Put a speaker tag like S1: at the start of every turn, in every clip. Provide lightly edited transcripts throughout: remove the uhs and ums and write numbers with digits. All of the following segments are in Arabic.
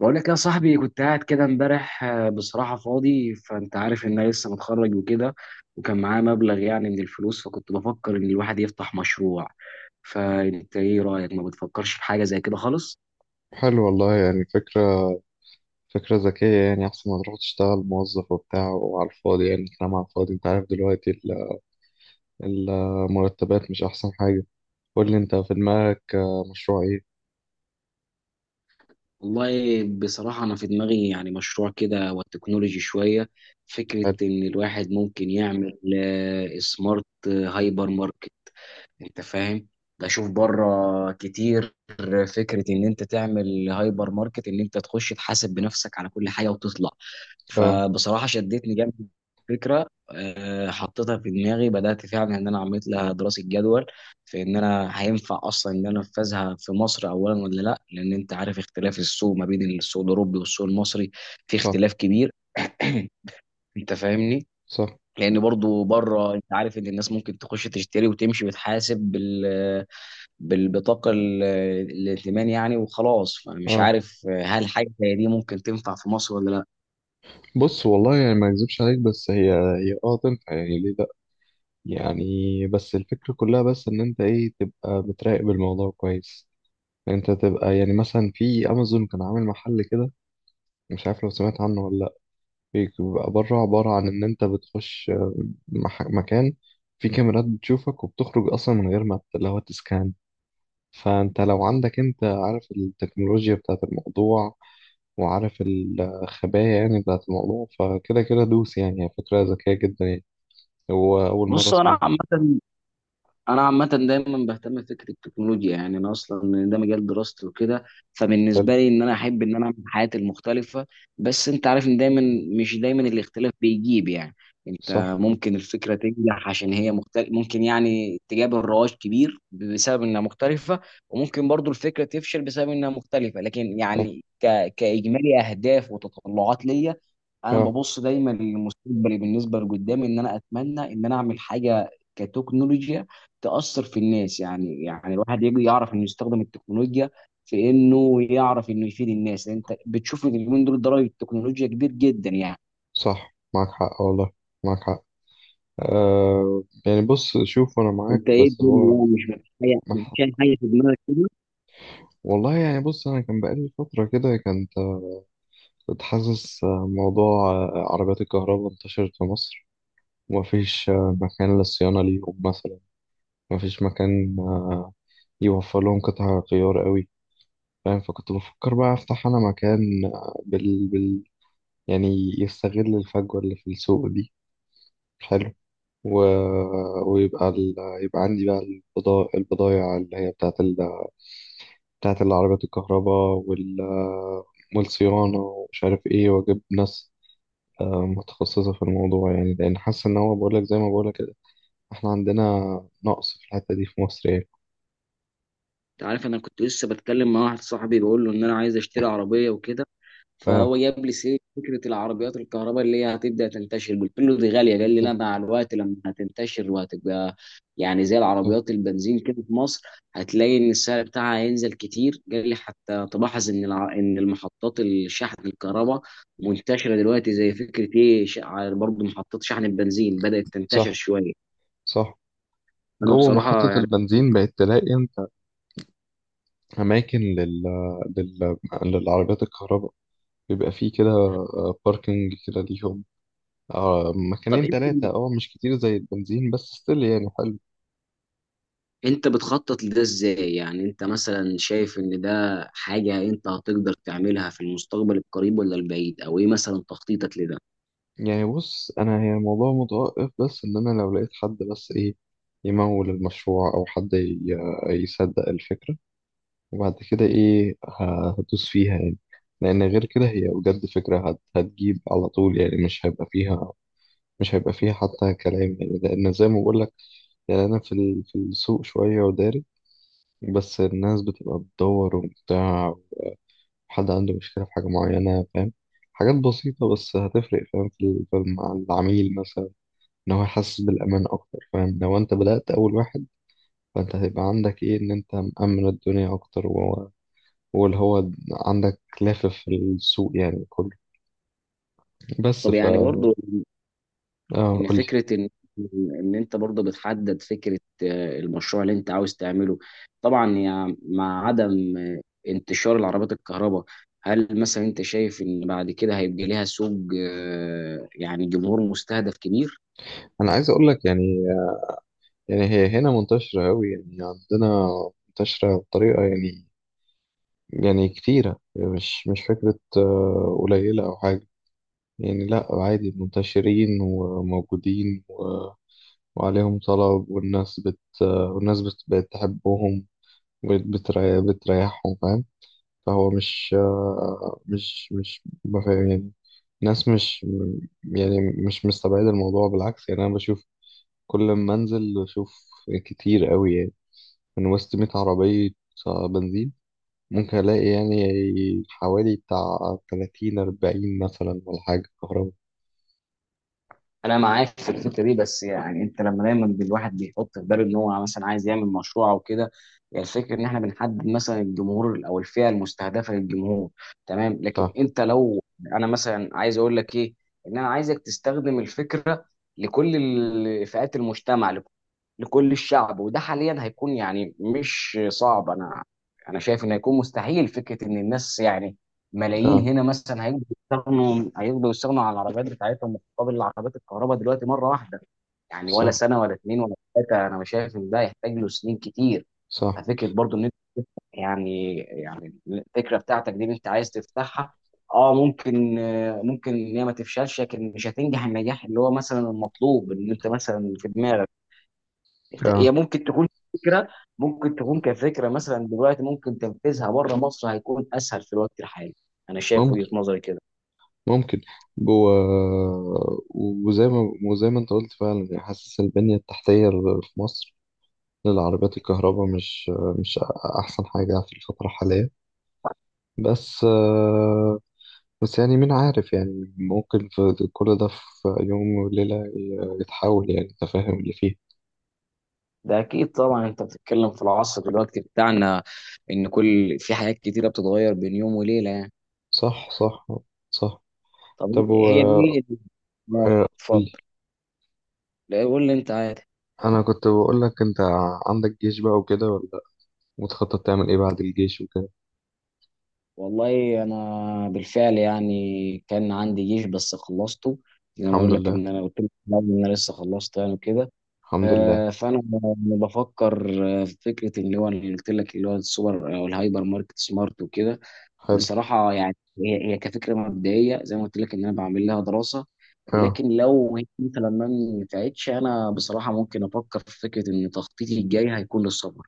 S1: بقول لك يا صاحبي، كنت قاعد كده امبارح. بصراحة فاضي، فانت عارف ان انا لسه متخرج وكده، وكان معايا مبلغ يعني من الفلوس، فكنت بفكر ان الواحد يفتح مشروع. فانت ايه رأيك؟ ما بتفكرش في حاجة زي كده خالص؟
S2: حلو، والله يعني فكرة ذكية، يعني أحسن ما تروح تشتغل موظف وبتاع وعلى الفاضي. يعني كلام على الفاضي، أنت عارف دلوقتي المرتبات مش أحسن حاجة. قول لي أنت في دماغك، مشروع إيه؟
S1: والله بصراحة انا في دماغي يعني مشروع كده والتكنولوجي شوية. فكرة
S2: حلو.
S1: ان الواحد ممكن يعمل سمارت هايبر ماركت. انت فاهم؟ بشوف بره كتير، فكره ان انت تعمل هايبر ماركت، ان انت تخش تحاسب بنفسك على كل حاجه وتطلع.
S2: أه.
S1: فبصراحه شدتني جامد الفكره. حطيتها في دماغي، بدات فعلا ان انا عملت لها دراسه جدول في ان انا هينفع اصلا ان انا انفذها في مصر اولا ولا لا، لان انت عارف اختلاف السوق ما بين السوق الاوروبي والسوق المصري. في
S2: صح،
S1: اختلاف كبير. انت فاهمني؟
S2: صح.
S1: لان برضو بره، انت عارف ان الناس ممكن تخش تشتري وتمشي وتحاسب بالبطاقة الائتمان يعني، وخلاص. فأنا مش
S2: أه،
S1: عارف هل حاجة زي دي ممكن تنفع في مصر ولا لا.
S2: بص والله يعني ما أكذبش عليك، بس هي تنفع. يعني ليه لأ؟ يعني بس الفكرة كلها، بس إن أنت تبقى بتراقب الموضوع كويس. أنت تبقى يعني مثلا في أمازون كان عامل محل كده، مش عارف لو سمعت عنه ولا لأ. بيبقى بره عبارة عن إن أنت بتخش مكان فيه كاميرات بتشوفك، وبتخرج أصلا من غير ما اللي هو تسكان. فأنت لو عندك، أنت عارف التكنولوجيا بتاعة الموضوع وعارف الخبايا يعني بتاعة الموضوع، فكده كده دوس. يعني هي فكرة ذكية جدا يعني، هو أول مرة
S1: بص أنا
S2: أسمعها يعني.
S1: عامة انا عامه دايما بهتم بفكره التكنولوجيا، يعني انا اصلا ده مجال دراستي وكده.
S2: حلو.
S1: فبالنسبه لي ان انا احب ان انا اعمل حياتي المختلفه. بس انت عارف ان
S2: آه،
S1: مش دايما الاختلاف بيجيب يعني.
S2: صح.
S1: انت ممكن الفكره تنجح عشان هي مختلف، ممكن يعني تجاب الرواج كبير بسبب انها مختلفه، وممكن برضو الفكره تفشل بسبب انها مختلفه. لكن
S2: صح.
S1: يعني كاجمالي اهداف وتطلعات ليا، انا
S2: آه.
S1: ببص دايما لمستقبلي، بالنسبه لقدامي ان انا اتمنى ان انا اعمل حاجه كتكنولوجيا تأثر في الناس. يعني الواحد يجي يعرف انه يستخدم التكنولوجيا في انه يعرف انه يفيد الناس. انت بتشوف إن اليومين دول ضرر التكنولوجيا كبير جدا يعني.
S2: صح، معاك حق والله. معاك حق. آه يعني بص شوف أنا معاك،
S1: انت ايه
S2: بس
S1: الدنيا؟
S2: هو
S1: يعني مش مفيش حاجه
S2: مح-
S1: مفيش اي حاجه في دماغك كده؟
S2: والله يعني بص أنا كان بقالي فترة كده كانت. حاسس موضوع عربيات الكهرباء انتشرت في مصر، ومفيش مكان للصيانة ليهم مثلا. مفيش مكان يوفر لهم قطع غيار قوي، فاهم؟ فكنت بفكر بقى أفتح أنا مكان يعني يستغل الفجوة اللي في السوق دي. حلو. و... ويبقى ال... يبقى عندي بقى البضايع اللي هي بتاعت بتاعت العربيات الكهرباء والصيانة، ومش عارف ايه، وأجيب ناس متخصصة في الموضوع، يعني لأن حاسة إن هو بقولك، زي ما بقولك كده إحنا عندنا نقص في الحتة دي في مصر يعني.
S1: انت عارف، انا كنت لسه بتكلم مع واحد صاحبي، بقول له ان انا عايز اشتري عربيه وكده،
S2: آه.
S1: فهو جاب لي سيره فكره العربيات الكهرباء اللي هي هتبدا تنتشر. قلت له دي غاليه، قال لي لا،
S2: صح.
S1: مع الوقت لما هتنتشر وهتبقى يعني زي
S2: صح.
S1: العربيات البنزين كده في مصر، هتلاقي ان السعر بتاعها هينزل كتير. قال لي حتى تلاحظ ان المحطات الشحن الكهرباء منتشره دلوقتي، زي فكره ايه برضه محطات شحن البنزين بدات تنتشر
S2: صح.
S1: شويه.
S2: صح.
S1: انا
S2: جوه محطة
S1: بصراحه يعني،
S2: البنزين بقت تلاقي أنت أماكن لل... للعربيات الكهرباء، بيبقى فيه كده باركينج كده ليهم، آه،
S1: طب
S2: مكانين
S1: انت
S2: تلاتة، أه مش كتير زي البنزين بس ستيل يعني حلو.
S1: انت بتخطط لده ازاي؟ يعني انت مثلا شايف ان ده حاجة انت هتقدر تعملها في المستقبل القريب ولا البعيد؟ او ايه مثلا تخطيطك لده؟
S2: يعني بص انا هي الموضوع متوقف، بس ان انا لو لقيت حد بس ايه يمول المشروع، او حد يصدق الفكرة، وبعد كده ايه هدوس فيها يعني. لان غير كده هي بجد فكرة هتجيب على طول يعني، مش هيبقى فيها. مش هيبقى فيها حتى كلام، يعني لان زي ما بقول لك، يعني انا في السوق شوية وداري، بس الناس بتبقى بتدور وبتاع، حد عنده مشكلة في حاجة معينة، فاهم؟ حاجات بسيطة بس هتفرق، فاهم؟ مع العميل مثلا، ان هو يحسس بالامان اكتر، فاهم؟ لو انت بدأت اول واحد، فانت هيبقى عندك ايه، ان انت مأمن الدنيا اكتر، وهو واللي هو عندك لافف في السوق يعني كله. بس
S1: طب
S2: ف
S1: يعني برضو ان
S2: قولي.
S1: فكرة، ان انت برضو بتحدد فكرة المشروع اللي انت عاوز تعمله. طبعا يعني مع عدم انتشار العربيات الكهرباء، هل مثلا انت شايف ان بعد كده هيبقى ليها سوق يعني جمهور مستهدف كبير؟
S2: انا عايز اقول لك يعني، يعني هي هنا منتشرة قوي يعني عندنا. منتشرة بطريقة يعني، يعني كتيرة، مش فكرة قليلة او حاجة يعني. لا عادي، منتشرين وموجودين وعليهم طلب، والناس بقت تحبهم، بتريحهم، فاهم؟ فهو مش مش ما فاهم يعني، ناس مش يعني، مش مستبعد الموضوع، بالعكس. يعني انا بشوف كل ما انزل بشوف كتير قوي يعني، من وسط 100 عربية بنزين ممكن الاقي يعني حوالي بتاع 30 40 مثلا ولا حاجة كهرباء.
S1: انا معاك في الفكره دي. بس يعني انت لما دايما الواحد بيحط في باله ان هو مثلا عايز يعمل مشروع او كده، يعني الفكره ان احنا بنحدد مثلا الجمهور او الفئه المستهدفه للجمهور، تمام. لكن
S2: صح.
S1: انت لو، انا مثلا عايز اقول لك ايه، ان انا عايزك تستخدم الفكره لكل فئات المجتمع، لكل الشعب. وده حاليا هيكون يعني مش صعب. انا شايف انه هيكون مستحيل. فكره ان الناس يعني ملايين
S2: صح.
S1: هنا مثلا هيقدروا يستغنوا، عن العربيات بتاعتهم مقابل العربيات الكهرباء دلوقتي مره واحده. يعني ولا
S2: صح.
S1: سنه ولا اتنين ولا ثلاثه. انا مش شايف ان ده يحتاج له سنين كتير.
S2: صح.
S1: ففكره برضو ان انت، يعني الفكره بتاعتك دي اللي انت عايز تفتحها، اه ممكن، ممكن ان هي ما تفشلش، لكن مش هتنجح النجاح اللي هو مثلا المطلوب ان انت مثلا في دماغك. انت، هي
S2: آه.
S1: فكره ممكن تكون كفكره مثلا دلوقتي. ممكن تنفيذها بره مصر هيكون اسهل في الوقت الحالي. انا شايف
S2: ممكن.
S1: وجهه نظري كده.
S2: ممكن. جوه. وزي ما انت قلت فعلا يعني، حاسس البنية التحتية في مصر للعربيات الكهرباء مش أحسن حاجة في الفترة الحالية. بس بس يعني مين عارف يعني، ممكن في كل ده في يوم وليلة يتحول، يعني انت فاهم اللي فيه.
S1: ده اكيد طبعا، انت بتتكلم في العصر دلوقتي بتاعنا، ان كل، في حاجات كتيره بتتغير بين يوم وليله يعني.
S2: صح. صح. صح.
S1: طب
S2: طب و
S1: هي دي اه، اتفضل.
S2: قولي.
S1: لا قول لي انت، عادي.
S2: أنا كنت بقول لك أنت عندك جيش بقى وكده ولا لأ؟ متخطط تعمل إيه بعد الجيش وكده؟
S1: والله انا بالفعل يعني كان عندي جيش بس خلصته، زي ما
S2: الحمد
S1: اقول لك
S2: لله.
S1: ان انا قلت لك في الأول ان انا لسه خلصت يعني كده.
S2: الحمد لله.
S1: فانا بفكر في فكره اللي هو اللي قلت لك، اللي هو السوبر او الهايبر ماركت سمارت وكده.
S2: حلو.
S1: بصراحه يعني هي كفكره مبدئيه زي ما قلت لك ان انا بعمل لها دراسه.
S2: اه.
S1: لكن لو هي مثلا ما نفعتش، انا بصراحه ممكن افكر في فكره ان تخطيطي الجاي هيكون للسفر.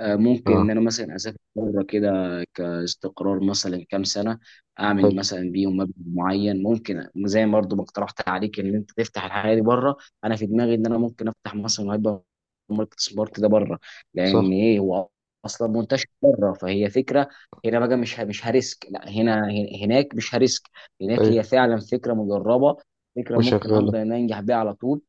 S1: ممكن ان
S2: اه.
S1: انا مثلا اسافر بره كده كاستقرار مثلا كام سنه، اعمل
S2: حلو.
S1: مثلا بيهم مبلغ معين. ممكن زي ما برضه ما اقترحت عليك ان انت تفتح الحاجه دي بره، انا في دماغي ان انا ممكن افتح مثلا هايبر ماركت سبارت ده بره. لان
S2: صح.
S1: ايه، هو اصلا منتشر بره. فهي فكره هنا بقى، مش هريسك. لا، هنا، هناك مش هريسك. هناك
S2: ايوه.
S1: هي فعلا فكره مجربه، فكره ممكن
S2: وشغالة.
S1: هقدر ان أنا انجح بيها على طول،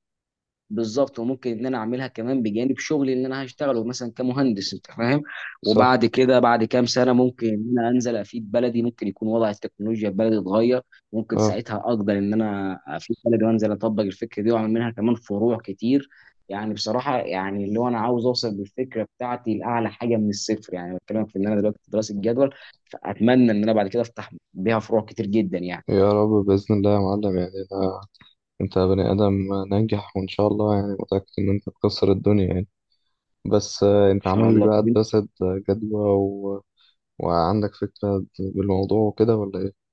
S1: بالظبط. وممكن ان انا اعملها كمان بجانب شغلي اللي انا هشتغله مثلا كمهندس. انت فاهم؟
S2: صح.
S1: وبعد كده بعد كام سنه ممكن ان انا انزل افيد بلدي، ممكن يكون وضع التكنولوجيا في بلدي اتغير. ممكن
S2: اه.
S1: ساعتها اقدر ان انا افيد بلدي وانزل اطبق الفكره دي، واعمل منها كمان فروع كتير. يعني بصراحه يعني اللي هو، انا عاوز اوصل بالفكره بتاعتي لاعلى حاجه من الصفر. يعني بتكلم في ان انا دلوقتي في دراسه جدول، فاتمنى ان انا بعد كده افتح بيها فروع كتير جدا يعني،
S2: يا رب بإذن الله يا معلم، يعني أنا أنت بني آدم ناجح، وإن شاء الله يعني متأكد إن أنت تكسر الدنيا يعني. بس
S1: ان
S2: أنت
S1: شاء
S2: عامل لك
S1: الله.
S2: بقى دراسة جدوى وعندك فكرة بالموضوع وكده، ولا إيه؟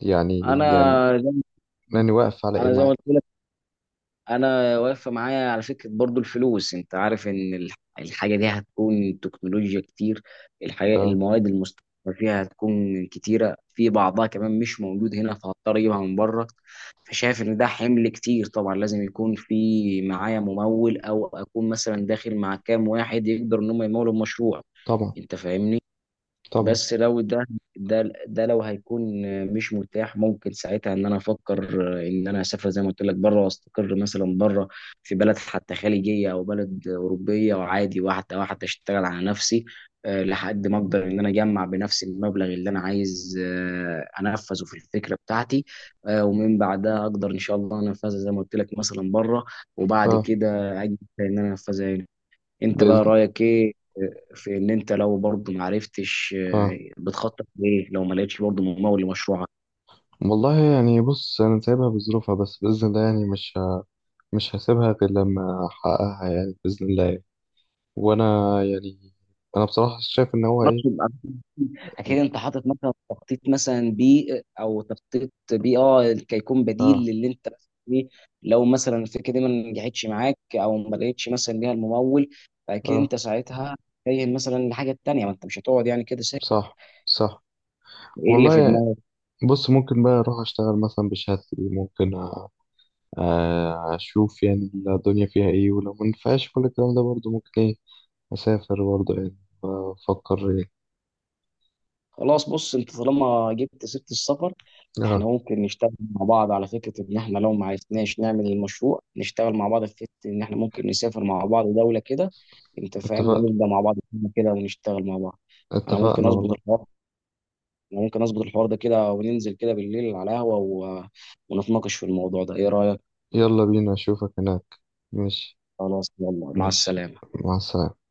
S2: يعني
S1: انا
S2: يعني
S1: زي
S2: يعني واقف على إيه
S1: انا زي ما
S2: معاك؟
S1: قلت، انا واقفه معايا على فكره برضو الفلوس. انت عارف ان الحاجه دي هتكون تكنولوجيا كتير. الحاجه،
S2: اه.
S1: المواد المستخدمه فيها هتكون كتيره، في بعضها كمان مش موجود هنا فهضطر اجيبها من بره. فشايف ان ده حمل كتير. طبعا لازم يكون في معايا ممول، او اكون مثلا داخل مع كام واحد يقدر ان هم يمولوا المشروع.
S2: طبعا.
S1: انت فاهمني؟
S2: طبعا.
S1: بس لو ده لو هيكون مش متاح، ممكن ساعتها ان انا افكر ان انا اسافر زي ما قلت لك بره، واستقر مثلا بره في بلد حتى خليجيه او بلد اوروبيه. وعادي واحده واحده اشتغل على نفسي، لحد ما اقدر ان انا اجمع بنفسي المبلغ اللي انا عايز انفذه في الفكره بتاعتي. ومن بعدها اقدر ان شاء الله انفذها زي ما قلت لك مثلا بره، وبعد
S2: اه.
S1: كده اجي ان انا انفذها هنا. انت بقى
S2: بإذن.
S1: رايك ايه في ان انت، لو برضه ما عرفتش،
S2: اه.
S1: بتخطط ليه لو ما لقيتش برضه ممول لمشروعك؟
S2: والله يعني بص أنا سايبها بظروفها، بس بإذن الله يعني مش هسيبها غير لما أحققها، يعني بإذن الله يعني. وانا يعني انا بصراحة شايف ان هو ايه.
S1: مطلوب اكيد انت حاطط مثلا تخطيط مثلا بي، او تخطيط بي كيكون بديل
S2: اه.
S1: للي انت فيه، لو مثلا الفكره دي ما نجحتش معاك او ما لقيتش مثلا ليها الممول. فاكيد
S2: اه.
S1: انت ساعتها تتجه مثلا لحاجه تانيه. ما انت مش هتقعد يعني كده ساكت.
S2: صح. صح.
S1: ايه اللي في
S2: والله
S1: دماغك؟
S2: بص، ممكن بقى اروح اشتغل مثلا بشهادتي، ممكن اشوف يعني الدنيا فيها ايه، ولو ما نفعش كل الكلام ده برضه ممكن ايه اسافر برضه يعني، افكر ايه.
S1: خلاص، بص انت طالما جبت سيره السفر، احنا
S2: اه.
S1: ممكن نشتغل مع بعض. على فكره ان احنا لو ما عرفناش نعمل المشروع، نشتغل مع بعض في فكره ان احنا ممكن نسافر مع بعض دوله كده. انت فاهم؟
S2: اتفق.
S1: ونبدا مع بعض كده ونشتغل مع بعض. انا ممكن
S2: اتفقنا
S1: اظبط
S2: والله.
S1: الحوار انا ممكن اظبط الحوار ده كده، وننزل كده بالليل على قهوه ونتناقش في الموضوع ده. ايه رايك؟
S2: يلا بينا، اشوفك هناك. ماشي.
S1: خلاص، يلا، مع
S2: ماشي،
S1: السلامه.
S2: مع السلامة.